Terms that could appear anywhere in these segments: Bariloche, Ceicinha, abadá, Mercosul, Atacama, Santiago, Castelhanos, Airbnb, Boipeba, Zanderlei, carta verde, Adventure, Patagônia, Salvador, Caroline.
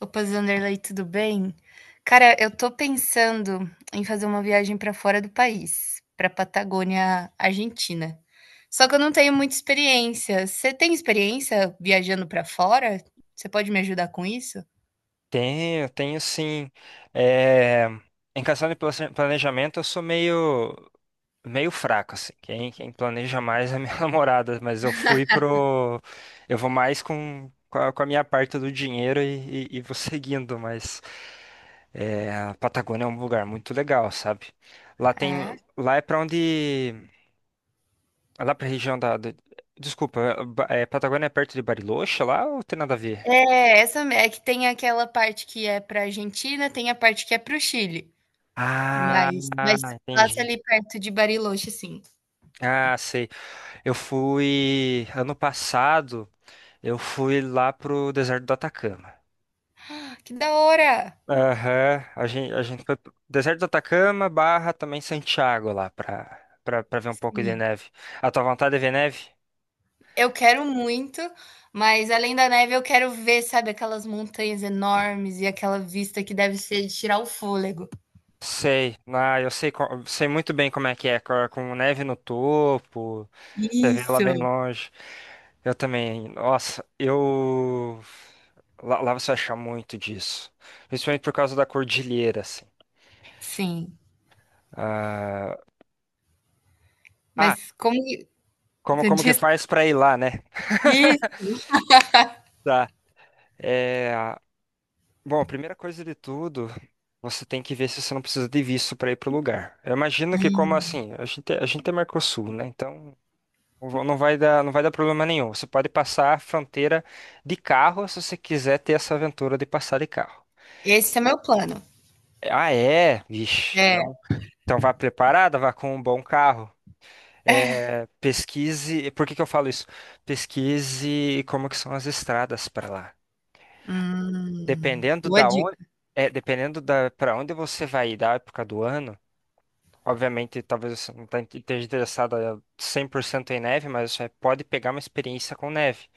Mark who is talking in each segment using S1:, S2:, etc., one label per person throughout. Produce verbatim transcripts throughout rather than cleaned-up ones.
S1: Opa, Zanderlei, tudo bem? Cara, eu tô pensando em fazer uma viagem pra fora do país, pra Patagônia, Argentina. Só que eu não tenho muita experiência. Você tem experiência viajando pra fora? Você pode me ajudar com isso?
S2: Tenho, tenho sim. É, em questão de plase- planejamento, eu sou meio, meio fraco, assim. Quem, quem planeja mais é minha namorada, mas eu fui pro. Eu vou mais com, com a, com a minha parte do dinheiro e, e- e vou seguindo, mas é, a Patagônia é um lugar muito legal, sabe? Lá
S1: Ah.
S2: tem. Lá é pra onde. Lá pra região da. da- desculpa, é, Ba- é, Patagônia é perto de Bariloche lá ou tem nada a ver?
S1: É, essa é que tem aquela parte que é pra Argentina, tem a parte que é pro Chile.
S2: Ah,
S1: Mas, mas passa
S2: entendi.
S1: ali perto de Bariloche, sim.
S2: Ah, sei. Eu fui ano passado, eu fui lá pro deserto do Atacama.
S1: Ah, que da hora!
S2: Aham, a gente, a gente foi pro deserto do Atacama barra também Santiago lá pra, pra, pra ver um pouco de
S1: Sim.
S2: neve. A tua vontade é ver neve?
S1: Eu quero muito, mas além da neve eu quero ver, sabe, aquelas montanhas enormes e aquela vista que deve ser de tirar o fôlego.
S2: Sei, ah, eu sei, co- sei muito bem como é que é, co- com neve no topo, você vê lá
S1: Isso,
S2: bem longe. Eu também, nossa, eu. Lá, lá você vai achar muito disso, principalmente por causa da cordilheira, assim.
S1: sim.
S2: Ah,
S1: Mas como que
S2: Como,
S1: que
S2: como que
S1: diz
S2: faz pra ir lá, né?
S1: isso,
S2: Tá. É, bom, a primeira coisa de tudo, você tem que ver se você não precisa de visto para ir pro lugar. Eu imagino que como assim, a gente, a gente é Mercosul, né? Então não va- não vai dar, não vai dar problema nenhum. Você pode passar a fronteira de carro se você quiser ter essa aventura de passar de carro.
S1: esse é meu plano.
S2: Ah, é? Vixe,
S1: É,
S2: então, então vá preparada, vá com um bom carro. É, pesquise, por que que eu falo isso? Pesquise como que são as estradas para lá.
S1: hum,
S2: Dependendo
S1: boa
S2: da onde,
S1: dica.
S2: é, dependendo da para onde você vai ir da época do ano, obviamente talvez você não tá- esteja interessado a cem por cento em neve, mas você pode pegar uma experiência com neve.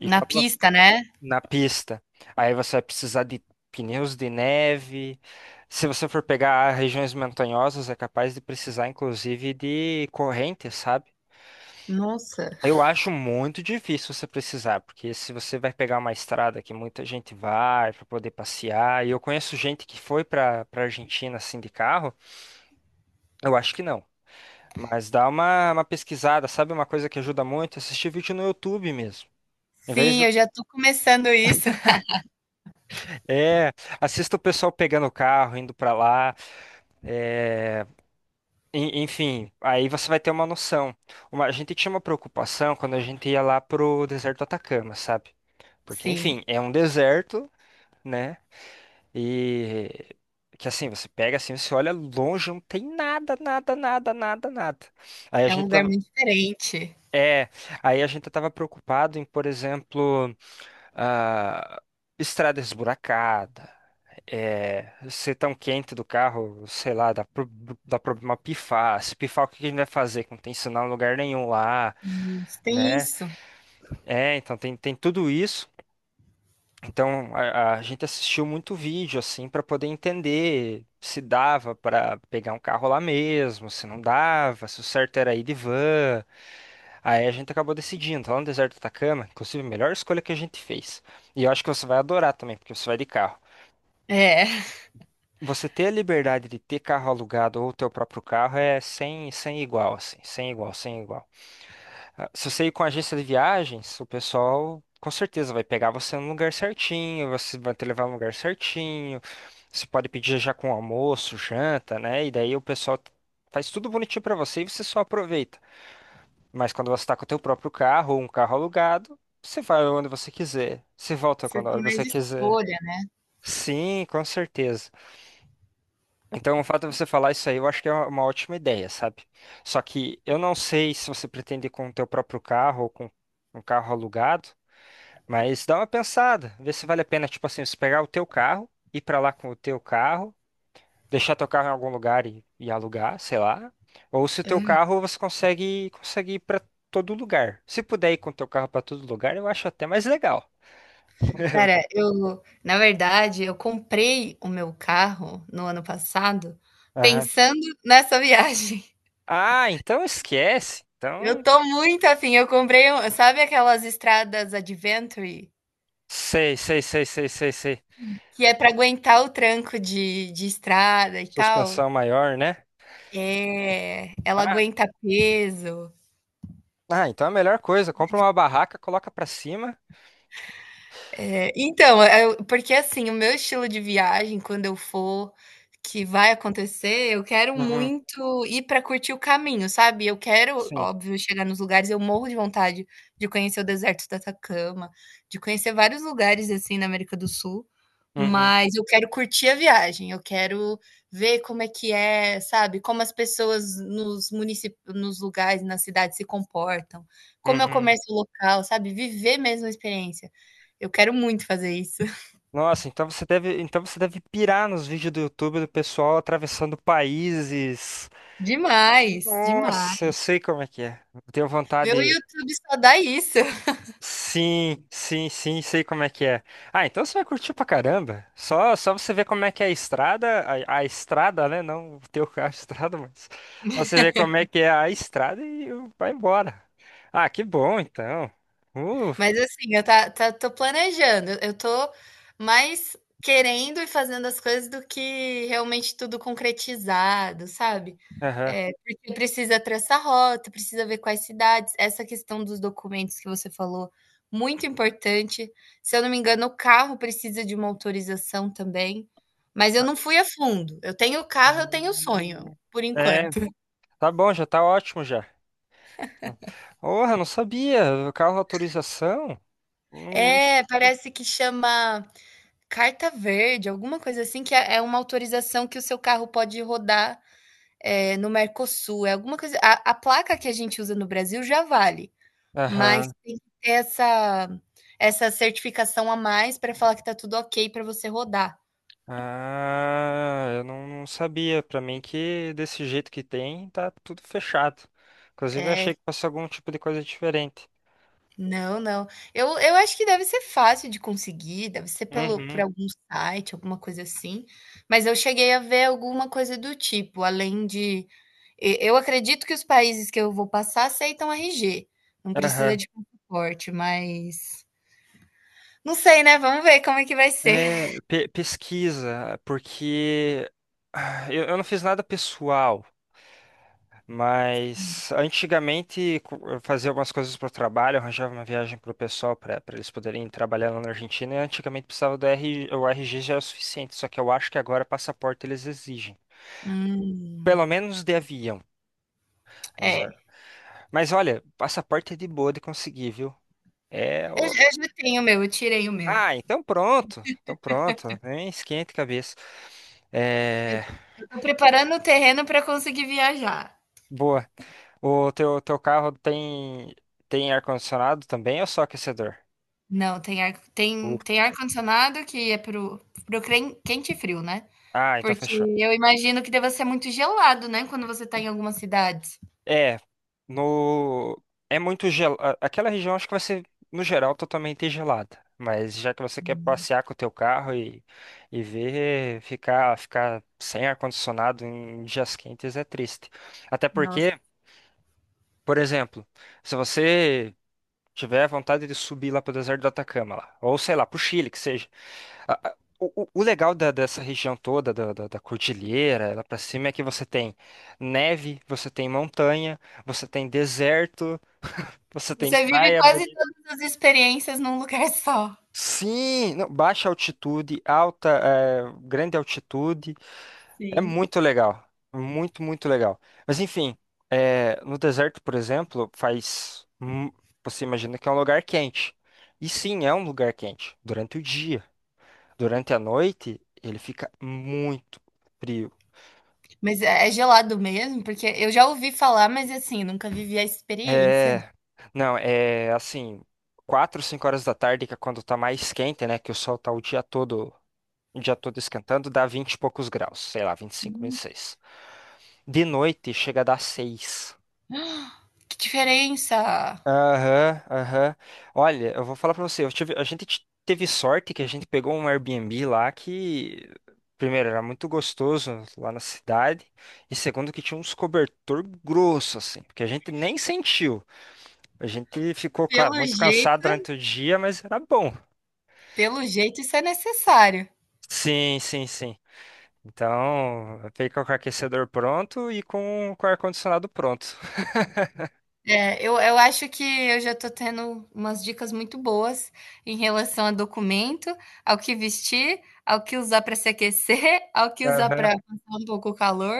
S2: E
S1: Na
S2: quando você,
S1: pista, né?
S2: na pista, aí você vai precisar de pneus de neve. Se você for pegar regiões montanhosas, é capaz de precisar inclusive de correntes, sabe?
S1: Nossa.
S2: Eu acho muito difícil você precisar, porque se você vai pegar uma estrada que muita gente vai para poder passear, e eu conheço gente que foi para para Argentina assim de carro, eu acho que não. Mas dá uma, uma pesquisada, sabe uma coisa que ajuda muito? Assistir vídeo no YouTube mesmo. Em vez
S1: Sim,
S2: do-
S1: eu já tô começando isso.
S2: É, assista o pessoal pegando o carro, indo para lá. É, en- enfim, aí você vai ter uma noção. Uma- a gente tinha uma preocupação quando a gente ia lá pro deserto do Atacama, sabe? Porque,
S1: Sim,
S2: enfim, é um deserto né? E que assim, você pega assim, você olha longe, não tem nada, nada, nada, nada, nada. Aí a
S1: é um
S2: gente
S1: lugar
S2: tava,
S1: muito diferente.
S2: é, aí a gente tava preocupado em, por exemplo, ah, estrada esburacada, é, ser tão quente do carro, sei lá, dá, pro- dá problema pifar. Se pifar, o que a gente vai fazer? Que não tem sinal em lugar nenhum lá,
S1: Tem
S2: né?
S1: isso.
S2: É, então tem, tem tudo isso. Então a, a gente assistiu muito vídeo assim para poder entender se dava para pegar um carro lá mesmo, se não dava, se o certo era ir de van. Aí a gente acabou decidindo, lá no deserto do Atacama, inclusive a melhor escolha que a gente fez. E eu acho que você vai adorar também, porque você vai de carro.
S1: É,
S2: Você ter a liberdade de ter carro alugado ou o teu próprio carro é sem, sem igual, assim, sem igual, sem igual. Ah, se você ir com a agência de viagens, o pessoal com certeza vai pegar você no lugar certinho, você vai te levar no lugar certinho. Você pode pedir já com almoço, janta, né? E daí o pessoal faz tudo bonitinho pra você e você só aproveita. Mas quando você tá com o teu próprio carro ou um carro alugado, você vai onde você quiser, você volta
S1: você
S2: quando a hora
S1: tem
S2: você
S1: mais
S2: quiser.
S1: escolha,
S2: Sim, com certeza. Então, o fato de você falar isso aí, eu acho que é uma uma ótima ideia, sabe? Só que eu não sei se você pretende ir com o teu próprio carro ou com um carro alugado. Mas dá uma pensada, vê se vale a pena, tipo assim, você pegar o teu carro, ir pra lá com o teu carro, deixar teu carro em algum lugar e, e alugar, sei lá. Ou se o teu
S1: né.
S2: carro você consegue, consegue ir pra todo lugar. Se puder ir com o teu carro pra todo lugar, eu acho até mais legal.
S1: Cara, eu na verdade, eu comprei o meu carro no ano passado
S2: Aham.
S1: pensando nessa viagem.
S2: Ah, então esquece.
S1: Eu
S2: Então,
S1: tô muito afim, eu comprei um sabe aquelas estradas Adventure,
S2: sei, sei, sei, sei, sei, sei.
S1: que é pra aguentar o tranco de de estrada e tal?
S2: Suspensão maior, né?
S1: É, ela
S2: Ah,
S1: aguenta peso.
S2: ah, então é a melhor coisa. Compra uma barraca, coloca pra cima.
S1: É, então, é porque assim, o meu estilo de viagem, quando eu for, que vai acontecer, eu quero
S2: Uhum,
S1: muito ir para curtir o caminho, sabe. Eu quero,
S2: sim.
S1: óbvio, chegar nos lugares eu morro de vontade de conhecer o deserto do Atacama, de conhecer vários lugares, assim, na América do Sul,
S2: Uhum,
S1: mas eu quero curtir a viagem, eu quero ver como é que é, sabe, como as pessoas nos municípios nos lugares, nas cidades se comportam, como é o
S2: uhum.
S1: comércio local, sabe, viver mesmo a experiência. Eu quero muito fazer isso.
S2: Nossa, então você deve, então você deve pirar nos vídeos do YouTube do pessoal atravessando países.
S1: Demais,
S2: Nossa, eu
S1: demais.
S2: sei como é que é. Eu tenho
S1: Meu
S2: vontade.
S1: YouTube só dá isso.
S2: Sim, sim, sim, sei como é que é. Ah, então você vai curtir pra caramba. Só, só você ver como é que é a estrada, a, a estrada, né? Não o teu carro, a estrada, mas só você ver como é que é a estrada e vai embora. Ah, que bom, então. Uh,
S1: Mas assim, eu tá, tá, tô planejando. Eu tô mais querendo e fazendo as coisas do que realmente tudo concretizado, sabe?
S2: aham.
S1: É, porque precisa traçar rota, precisa ver quais cidades. Essa questão dos documentos que você falou, muito importante. Se eu não me engano, o carro precisa de uma autorização também. Mas eu
S2: Ah,
S1: não fui a fundo. Eu tenho o carro, eu tenho o sonho, por
S2: é,
S1: enquanto.
S2: tá bom, já tá ótimo já. Porra, não sabia. Carro autorização? Não- não-
S1: É, parece que chama carta verde, alguma coisa assim, que é é uma autorização que o seu carro pode rodar, eh, no Mercosul, é alguma coisa a a placa que a gente usa no Brasil já vale, mas
S2: Aham.
S1: tem que ter essa essa certificação a mais pra falar que tá tudo ok pra você rodar.
S2: Ah, eu não, não sabia. Pra mim que desse jeito que tem, tá tudo fechado. Inclusive, eu
S1: É.
S2: achei que fosse algum tipo de coisa diferente.
S1: Não, não. Eu eu acho que deve ser fácil de conseguir, deve ser pelo por
S2: Uhum.
S1: algum site, alguma coisa assim, mas eu cheguei a ver alguma coisa do tipo, além de e eu acredito que os países que eu vou passar aceitam R G, não precisa
S2: Aham.
S1: de passaporte, mas não sei, né, vamos ver como é que vai ser.
S2: É, pe- pesquisa, porque ah, eu, eu não fiz nada pessoal. Mas antigamente co- eu fazia algumas coisas para o trabalho, arranjava uma viagem para o pessoal para eles poderem trabalhar lá na Argentina. E antigamente precisava do R G, o R G já era o suficiente, só que eu acho que agora passaporte eles exigem.
S1: Hum,
S2: Pelo menos de avião. Exa-
S1: é,
S2: Mas olha, passaporte é de boa de conseguir, viu? É.
S1: eu
S2: o-
S1: já eu já tenho o meu, eu tirei o meu.
S2: Ah, então pronto. Então pronto. Nem esquente cabeça. É.
S1: Eu tô preparando o terreno para conseguir viajar.
S2: Boa. O teu, teu carro tem, tem ar-condicionado também ou só aquecedor?
S1: Não, tem ar tem tem ar-condicionado que é pro, pro crem quente e frio, né?
S2: Ah, então
S1: Porque
S2: fechou.
S1: eu imagino que deva ser muito gelado, né, quando você está em algumas cidades.
S2: É, no é muito gel... a- Aquela região acho que vai ser no geral totalmente gelada, mas já que você quer passear com o teu carro e, e ver ficar ficar sem ar condicionado em dias quentes é triste. Até
S1: Nossa.
S2: porque, por exemplo, se você tiver vontade de subir lá pro deserto do Atacama lá, ou sei lá, pro Chile que seja, a- a- O, o- o legal da- dessa região toda, da, da, da cordilheira, lá pra cima, é que você tem neve, você tem montanha, você tem deserto, você tem
S1: Você vive
S2: praia
S1: quase
S2: bonita.
S1: todas as experiências num lugar só.
S2: Sim, não, baixa altitude, alta, é, grande altitude. É
S1: Sim.
S2: muito legal. Muito, muito legal. Mas enfim, é, no deserto, por exemplo, faz. mu- Você imagina que é um lugar quente. E sim, é um lugar quente. Durante o dia. Durante a noite, ele fica muito frio.
S1: Mas é é gelado mesmo? Porque eu já ouvi falar, mas assim, nunca vivi a experiência.
S2: É, não, é assim, quatro, cinco horas da tarde, que é quando tá mais quente, né? Que o sol tá o dia todo, o dia todo esquentando, dá vinte e poucos graus, sei lá, vinte vinte e cinco, vinte e
S1: Hum,
S2: seis. De noite chega a dar seis.
S1: que diferença!
S2: Aham, aham. Olha, eu vou falar pra você, eu tive, a gente t- teve sorte que a gente pegou um Airbnb lá que, primeiro, era muito gostoso lá na cidade, e segundo, que tinha uns cobertor grosso, assim, porque a gente nem sentiu. A gente ficou, claro,
S1: Pelo
S2: muito cansado
S1: jeito
S2: durante o dia, mas era bom.
S1: pelo jeito isso é necessário.
S2: Sim, sim, sim. Então, fica com o aquecedor pronto e com, com o ar-condicionado pronto.
S1: É, eu, eu acho que eu já estou tendo umas dicas muito boas em relação a documento, ao que vestir, ao que usar para se aquecer, ao que usar
S2: Aham.
S1: para passar um pouco o calor.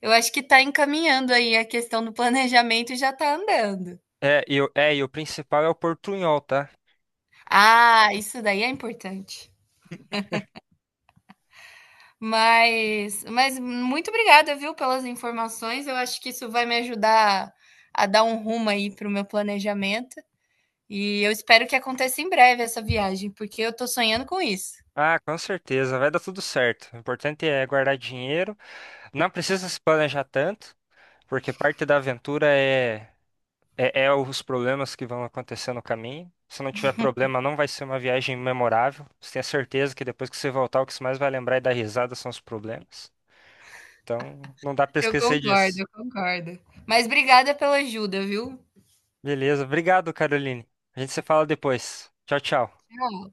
S1: Eu acho que está encaminhando aí a questão do planejamento e já está andando.
S2: É, e, o- é, e o principal é o portunhol, tá?
S1: Ah, isso daí é importante. Mas, mas muito obrigada, viu, pelas informações. Eu acho que isso vai me ajudar a dar um rumo aí para o meu planejamento. E eu espero que aconteça em breve essa viagem, porque eu tô sonhando com isso.
S2: Ah, com certeza, vai dar tudo certo. O importante é guardar dinheiro. Não precisa se planejar tanto, porque parte da aventura é é, é os problemas que vão acontecer no caminho. Se não tiver problema, não vai ser uma viagem memorável. Você tem a certeza que depois que você voltar, o que você mais vai lembrar e dar risada são os problemas. Então, não dá pra
S1: Eu
S2: esquecer
S1: concordo,
S2: disso.
S1: eu concordo. Mas obrigada pela ajuda, viu?
S2: Beleza, obrigado, Caroline. A gente se fala depois. Tchau, tchau.
S1: Tchau.